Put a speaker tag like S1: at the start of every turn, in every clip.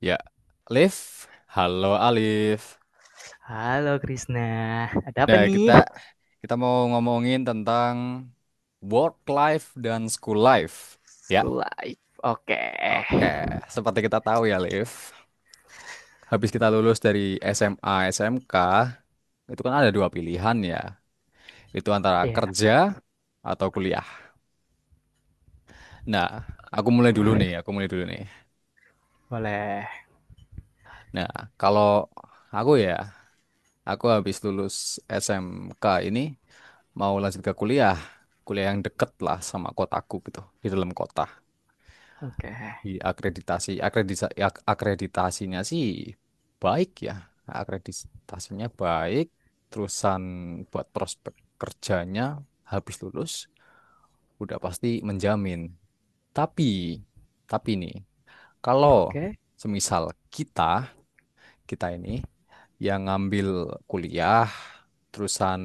S1: Ya, Alif. Halo Alif.
S2: Halo Krisna, ada apa
S1: Nah, kita
S2: nih?
S1: kita mau ngomongin tentang work life dan school life. Ya,
S2: School life, oke.
S1: oke. Seperti kita tahu ya, Alif. Habis kita lulus dari SMA, SMK, itu kan ada dua pilihan ya. Itu antara
S2: Iya,
S1: kerja atau kuliah. Nah, aku mulai dulu nih.
S2: boleh.
S1: Nah, kalau aku ya, aku habis lulus SMK ini mau lanjut ke kuliah, kuliah yang deket lah sama kotaku gitu, di dalam kota.
S2: Oke,
S1: Di akreditasi, akreditasi, akreditasinya sih baik ya, akreditasinya baik. Terusan buat prospek kerjanya habis lulus udah pasti menjamin. Tapi, tapi nih, kalau
S2: oke.
S1: semisal kita kita ini yang ngambil kuliah terusan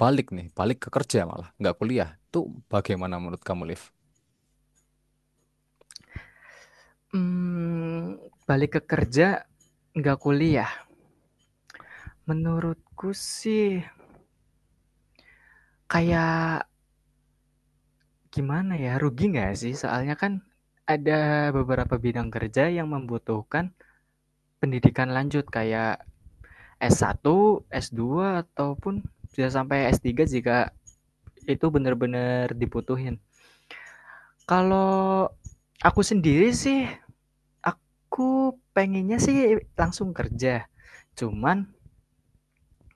S1: balik ke kerja malah, nggak kuliah. Itu bagaimana menurut kamu, Liv?
S2: Hmm, balik ke kerja, nggak kuliah. Menurutku sih kayak gimana ya, rugi nggak sih? Soalnya kan ada beberapa bidang kerja yang membutuhkan pendidikan lanjut kayak S1, S2 ataupun bisa sampai S3 jika itu benar-benar dibutuhin. Kalau aku sendiri sih, aku pengennya sih langsung kerja. Cuman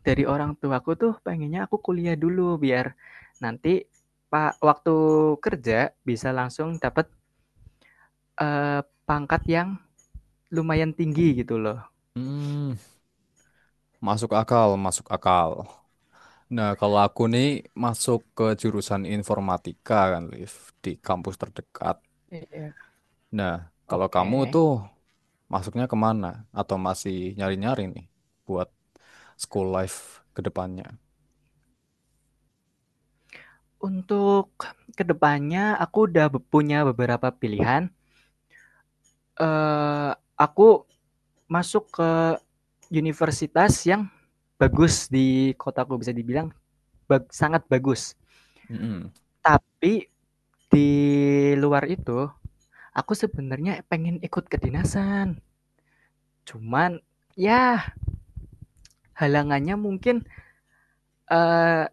S2: dari orang tuaku tuh pengennya aku kuliah dulu biar nanti waktu kerja bisa langsung dapat, pangkat yang lumayan tinggi gitu loh.
S1: Hmm, masuk akal, masuk akal. Nah, kalau aku nih masuk ke jurusan informatika kan, Liv, di kampus terdekat.
S2: Iya.
S1: Nah, kalau kamu
S2: Oke.
S1: tuh masuknya kemana? Atau masih nyari-nyari nih buat school life ke depannya?
S2: Untuk kedepannya aku udah punya beberapa pilihan, eee, aku masuk ke universitas yang bagus di kotaku, bisa dibilang sangat bagus.
S1: Mm-mm.
S2: Tapi di luar itu aku sebenarnya pengen ikut kedinasan. Cuman ya halangannya mungkin eh,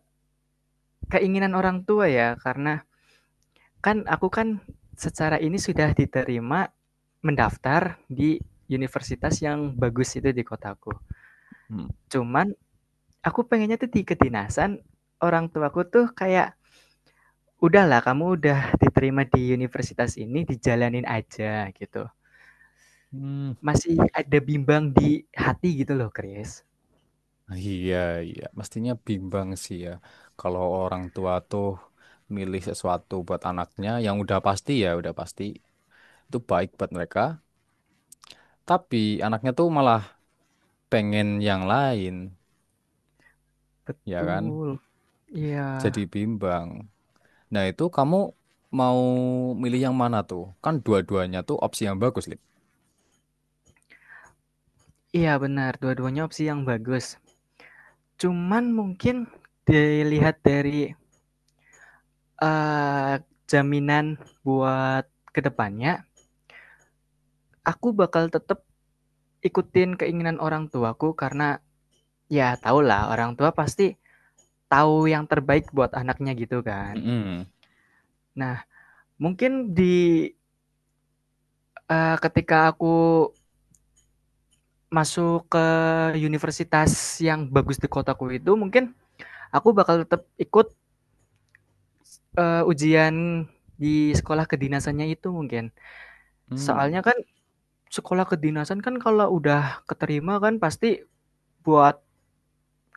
S2: keinginan orang tua ya karena kan aku kan secara ini sudah diterima mendaftar di universitas yang bagus itu di kotaku.
S1: Hmm.
S2: Cuman aku pengennya tuh di kedinasan, orang tuaku tuh kayak udahlah kamu udah diterima di universitas ini dijalanin aja gitu.
S1: Hmm,
S2: Masih ada bimbang di hati gitu loh, Chris.
S1: iya, iya. Mestinya bimbang sih ya. Kalau orang tua tuh milih sesuatu buat anaknya yang udah pasti ya, udah pasti itu baik buat mereka. Tapi anaknya tuh malah pengen yang lain, ya kan?
S2: Betul, iya,
S1: Jadi bimbang. Nah, itu kamu mau milih yang mana tuh? Kan dua-duanya tuh opsi yang bagus, Lip.
S2: iya, benar, dua-duanya opsi yang bagus. Cuman mungkin dilihat dari, eee, jaminan buat kedepannya, aku bakal tetap ikutin keinginan orang tuaku karena ya tau lah, orang tua pasti tahu yang terbaik buat anaknya gitu kan.
S1: Mm-mm.
S2: Nah, mungkin di ketika aku masuk ke universitas yang bagus di kotaku itu mungkin aku bakal tetap ikut ujian di sekolah kedinasannya itu mungkin. Soalnya
S1: Hmm.
S2: kan sekolah kedinasan kan kalau udah keterima kan pasti buat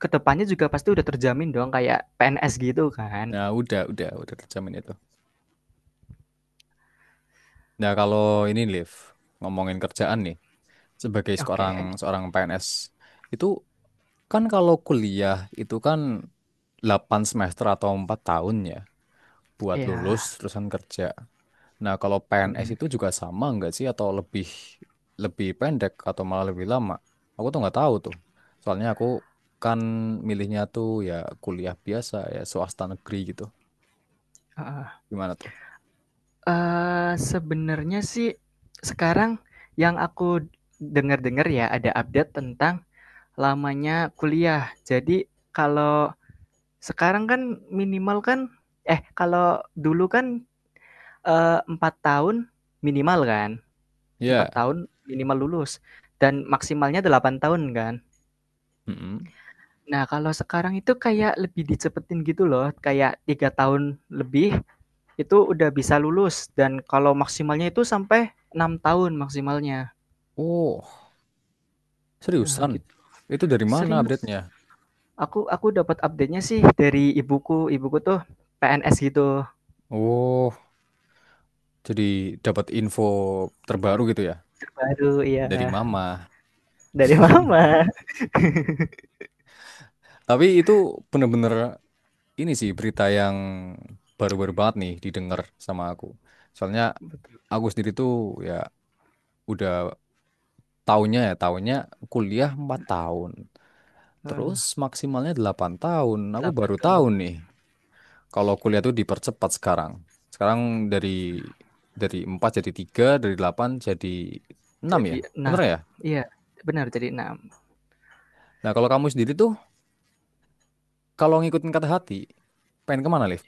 S2: kedepannya juga pasti udah terjamin dong kayak PNS gitu kan.
S1: Nah, udah terjamin itu. Nah, kalau ini, Liv, ngomongin kerjaan nih, sebagai
S2: Oke,
S1: seorang seorang PNS itu, kan kalau kuliah itu kan 8 semester atau 4 tahun ya buat lulus
S2: iya
S1: terusan kerja. Nah, kalau PNS
S2: benar,
S1: itu juga sama nggak sih atau lebih lebih pendek atau malah lebih lama? Aku tuh nggak tahu tuh. Soalnya aku kan milihnya tuh ya kuliah biasa ya swasta negeri gitu.
S2: heeh.
S1: Gimana tuh?
S2: Sebenernya sih sekarang yang aku dengar-dengar ya ada update tentang lamanya kuliah. Jadi kalau sekarang kan minimal kan, kalau dulu kan, 4 tahun minimal kan, 4
S1: Ya.
S2: tahun minimal lulus dan maksimalnya 8 tahun kan.
S1: Mm-mm.
S2: Nah kalau sekarang itu kayak lebih dicepetin gitu loh, kayak 3 tahun lebih itu udah bisa lulus dan kalau maksimalnya itu sampai 6 tahun maksimalnya.
S1: Oh,
S2: Nah
S1: seriusan?
S2: gitu,
S1: Itu dari mana
S2: serius,
S1: update-nya?
S2: aku dapat update-nya sih dari ibuku, ibuku tuh PNS gitu,
S1: Oh, jadi dapat info terbaru gitu ya
S2: terbaru iya,
S1: dari mama.
S2: dari mama.
S1: Tapi itu bener-bener ini sih berita yang baru-baru banget nih didengar sama aku. Soalnya
S2: Betul,
S1: aku sendiri tuh ya udah tahunnya kuliah 4 tahun. Terus maksimalnya 8 tahun. Aku
S2: 8
S1: baru
S2: tahun
S1: tahu nih kalau kuliah tuh dipercepat sekarang. Sekarang dari dari 4 jadi tiga, dari 8 jadi enam ya.
S2: jadi
S1: Bener
S2: enam,
S1: ya?
S2: iya benar jadi enam.
S1: Nah, kalau kamu sendiri tuh kalau ngikutin kata hati, pengen kemana, Liv?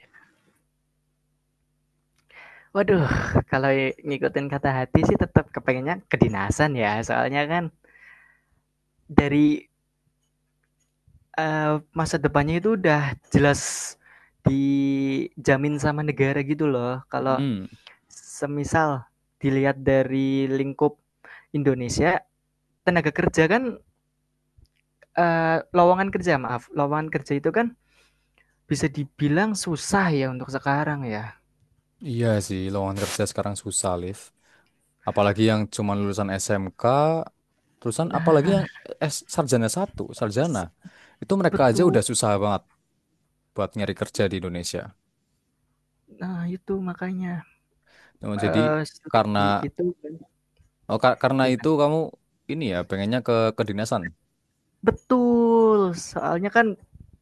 S2: Waduh, kalau ngikutin kata hati sih tetap kepengennya kedinasan ya soalnya kan dari, masa depannya itu udah jelas dijamin sama negara gitu loh, kalau
S1: Mm.
S2: semisal dilihat dari lingkup Indonesia, tenaga kerja kan, lowongan kerja itu kan bisa dibilang susah ya untuk sekarang ya.
S1: Iya sih, lowongan kerja sekarang susah, Liv. Apalagi yang cuman lulusan SMK, lulusan apalagi
S2: Nah,
S1: yang S sarjana satu, sarjana itu mereka aja
S2: betul.
S1: udah susah banget buat nyari kerja di Indonesia.
S2: Nah itu makanya,
S1: Nah, jadi karena
S2: strategi itu kan
S1: karena
S2: gimana?
S1: itu kamu ini ya pengennya ke kedinasan.
S2: Betul, soalnya kan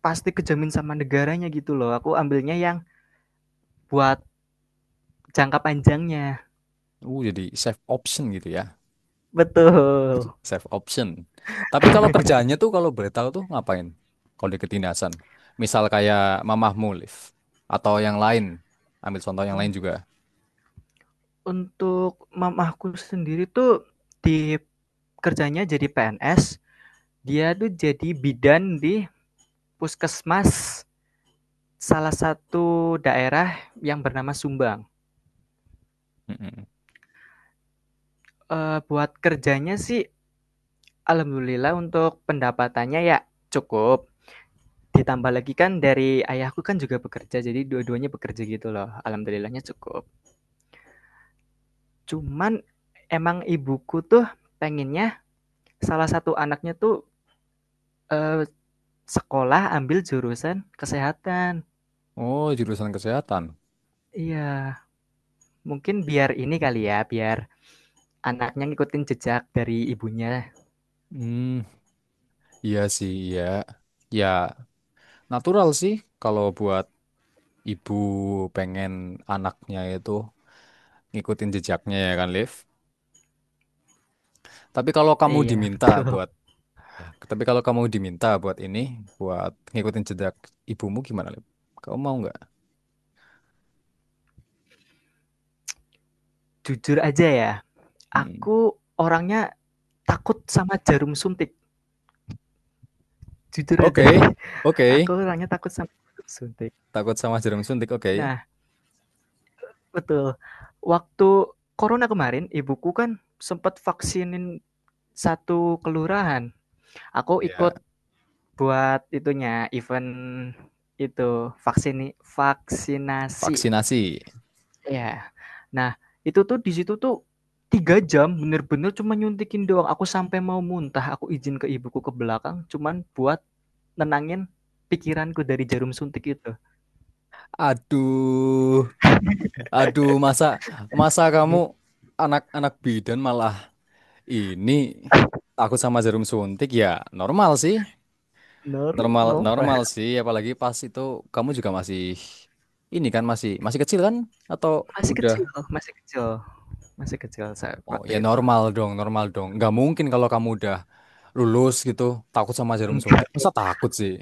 S2: pasti kejamin sama negaranya gitu loh, aku ambilnya yang buat jangka panjangnya.
S1: Jadi safe option gitu ya,
S2: Betul.
S1: safe option. Tapi kalau kerjaannya tuh kalau boleh tahu tuh ngapain kalau di kedinasan, misal kayak mamah mulif atau yang lain, ambil contoh yang
S2: Mmm,
S1: lain juga.
S2: untuk mamaku sendiri tuh di kerjanya jadi PNS, dia tuh jadi bidan di puskesmas salah satu daerah yang bernama Sumbang.
S1: Mm-mm.
S2: Buat kerjanya sih alhamdulillah untuk pendapatannya ya cukup. Ditambah lagi kan dari ayahku kan juga bekerja, jadi dua-duanya bekerja gitu loh, alhamdulillahnya cukup. Cuman emang ibuku tuh pengennya salah satu anaknya tuh, eee, sekolah ambil jurusan kesehatan.
S1: Oh, jurusan kesehatan.
S2: Iya, mungkin biar ini kali ya, biar anaknya ngikutin jejak dari ibunya.
S1: Hmm, iya sih, iya. Ya, natural sih kalau buat ibu pengen anaknya itu ngikutin jejaknya ya kan, Liv. Tapi kalau kamu
S2: Iya,
S1: diminta
S2: betul.
S1: buat, tapi kalau kamu diminta buat ini, buat ngikutin jejak ibumu gimana, Liv? Kamu mau nggak?
S2: Jujur aja ya,
S1: Mm-mm.
S2: aku orangnya takut sama jarum suntik, jujur aja.
S1: Oke, oke.
S2: Aku orangnya takut sama jarum suntik.
S1: Takut sama jarum suntik, oke.
S2: Nah, betul. Waktu corona kemarin, ibuku kan sempet vaksinin satu kelurahan. Aku
S1: Ya,
S2: ikut buat itunya, event itu, vaksinasi.
S1: vaksinasi.
S2: Ya. Nah, itu tuh di situ tuh 3 jam bener-bener cuma nyuntikin doang. Aku sampai mau muntah, aku izin ke ibuku ke belakang cuman buat nenangin pikiranku dari jarum suntik itu.
S1: Aduh, aduh, masa, masa kamu anak-anak bidan malah. Ini aku sama jarum suntik ya normal sih,
S2: Nor
S1: normal normal
S2: novel.
S1: sih. Apalagi pas itu kamu juga masih ini kan masih masih kecil kan? Atau
S2: Masih
S1: udah?
S2: kecil masih kecil, masih kecil saat
S1: Oh ya
S2: waktu itu.
S1: normal dong, normal dong. Nggak mungkin kalau kamu udah lulus gitu takut sama jarum
S2: Enggak
S1: suntik. Masa
S2: dong,
S1: takut sih?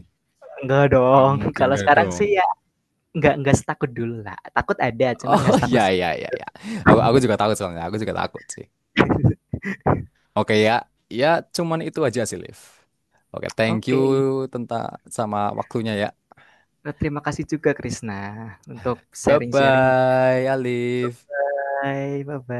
S2: enggak
S1: Nggak
S2: dong.
S1: mungkin,
S2: Kalau
S1: nggak
S2: sekarang
S1: dong.
S2: sih ya enggak setakut dulu lah. Takut ada, cuman
S1: Oh
S2: enggak setakut
S1: ya ya ya ya. Aku juga takut soalnya. Aku juga takut sih. Oke ya, ya cuman itu aja sih Liv. Oke, thank you
S2: oke.
S1: tentang sama waktunya ya.
S2: Terima kasih juga Krisna untuk
S1: Bye
S2: sharing-sharing.
S1: bye, Alif.
S2: Bye-bye.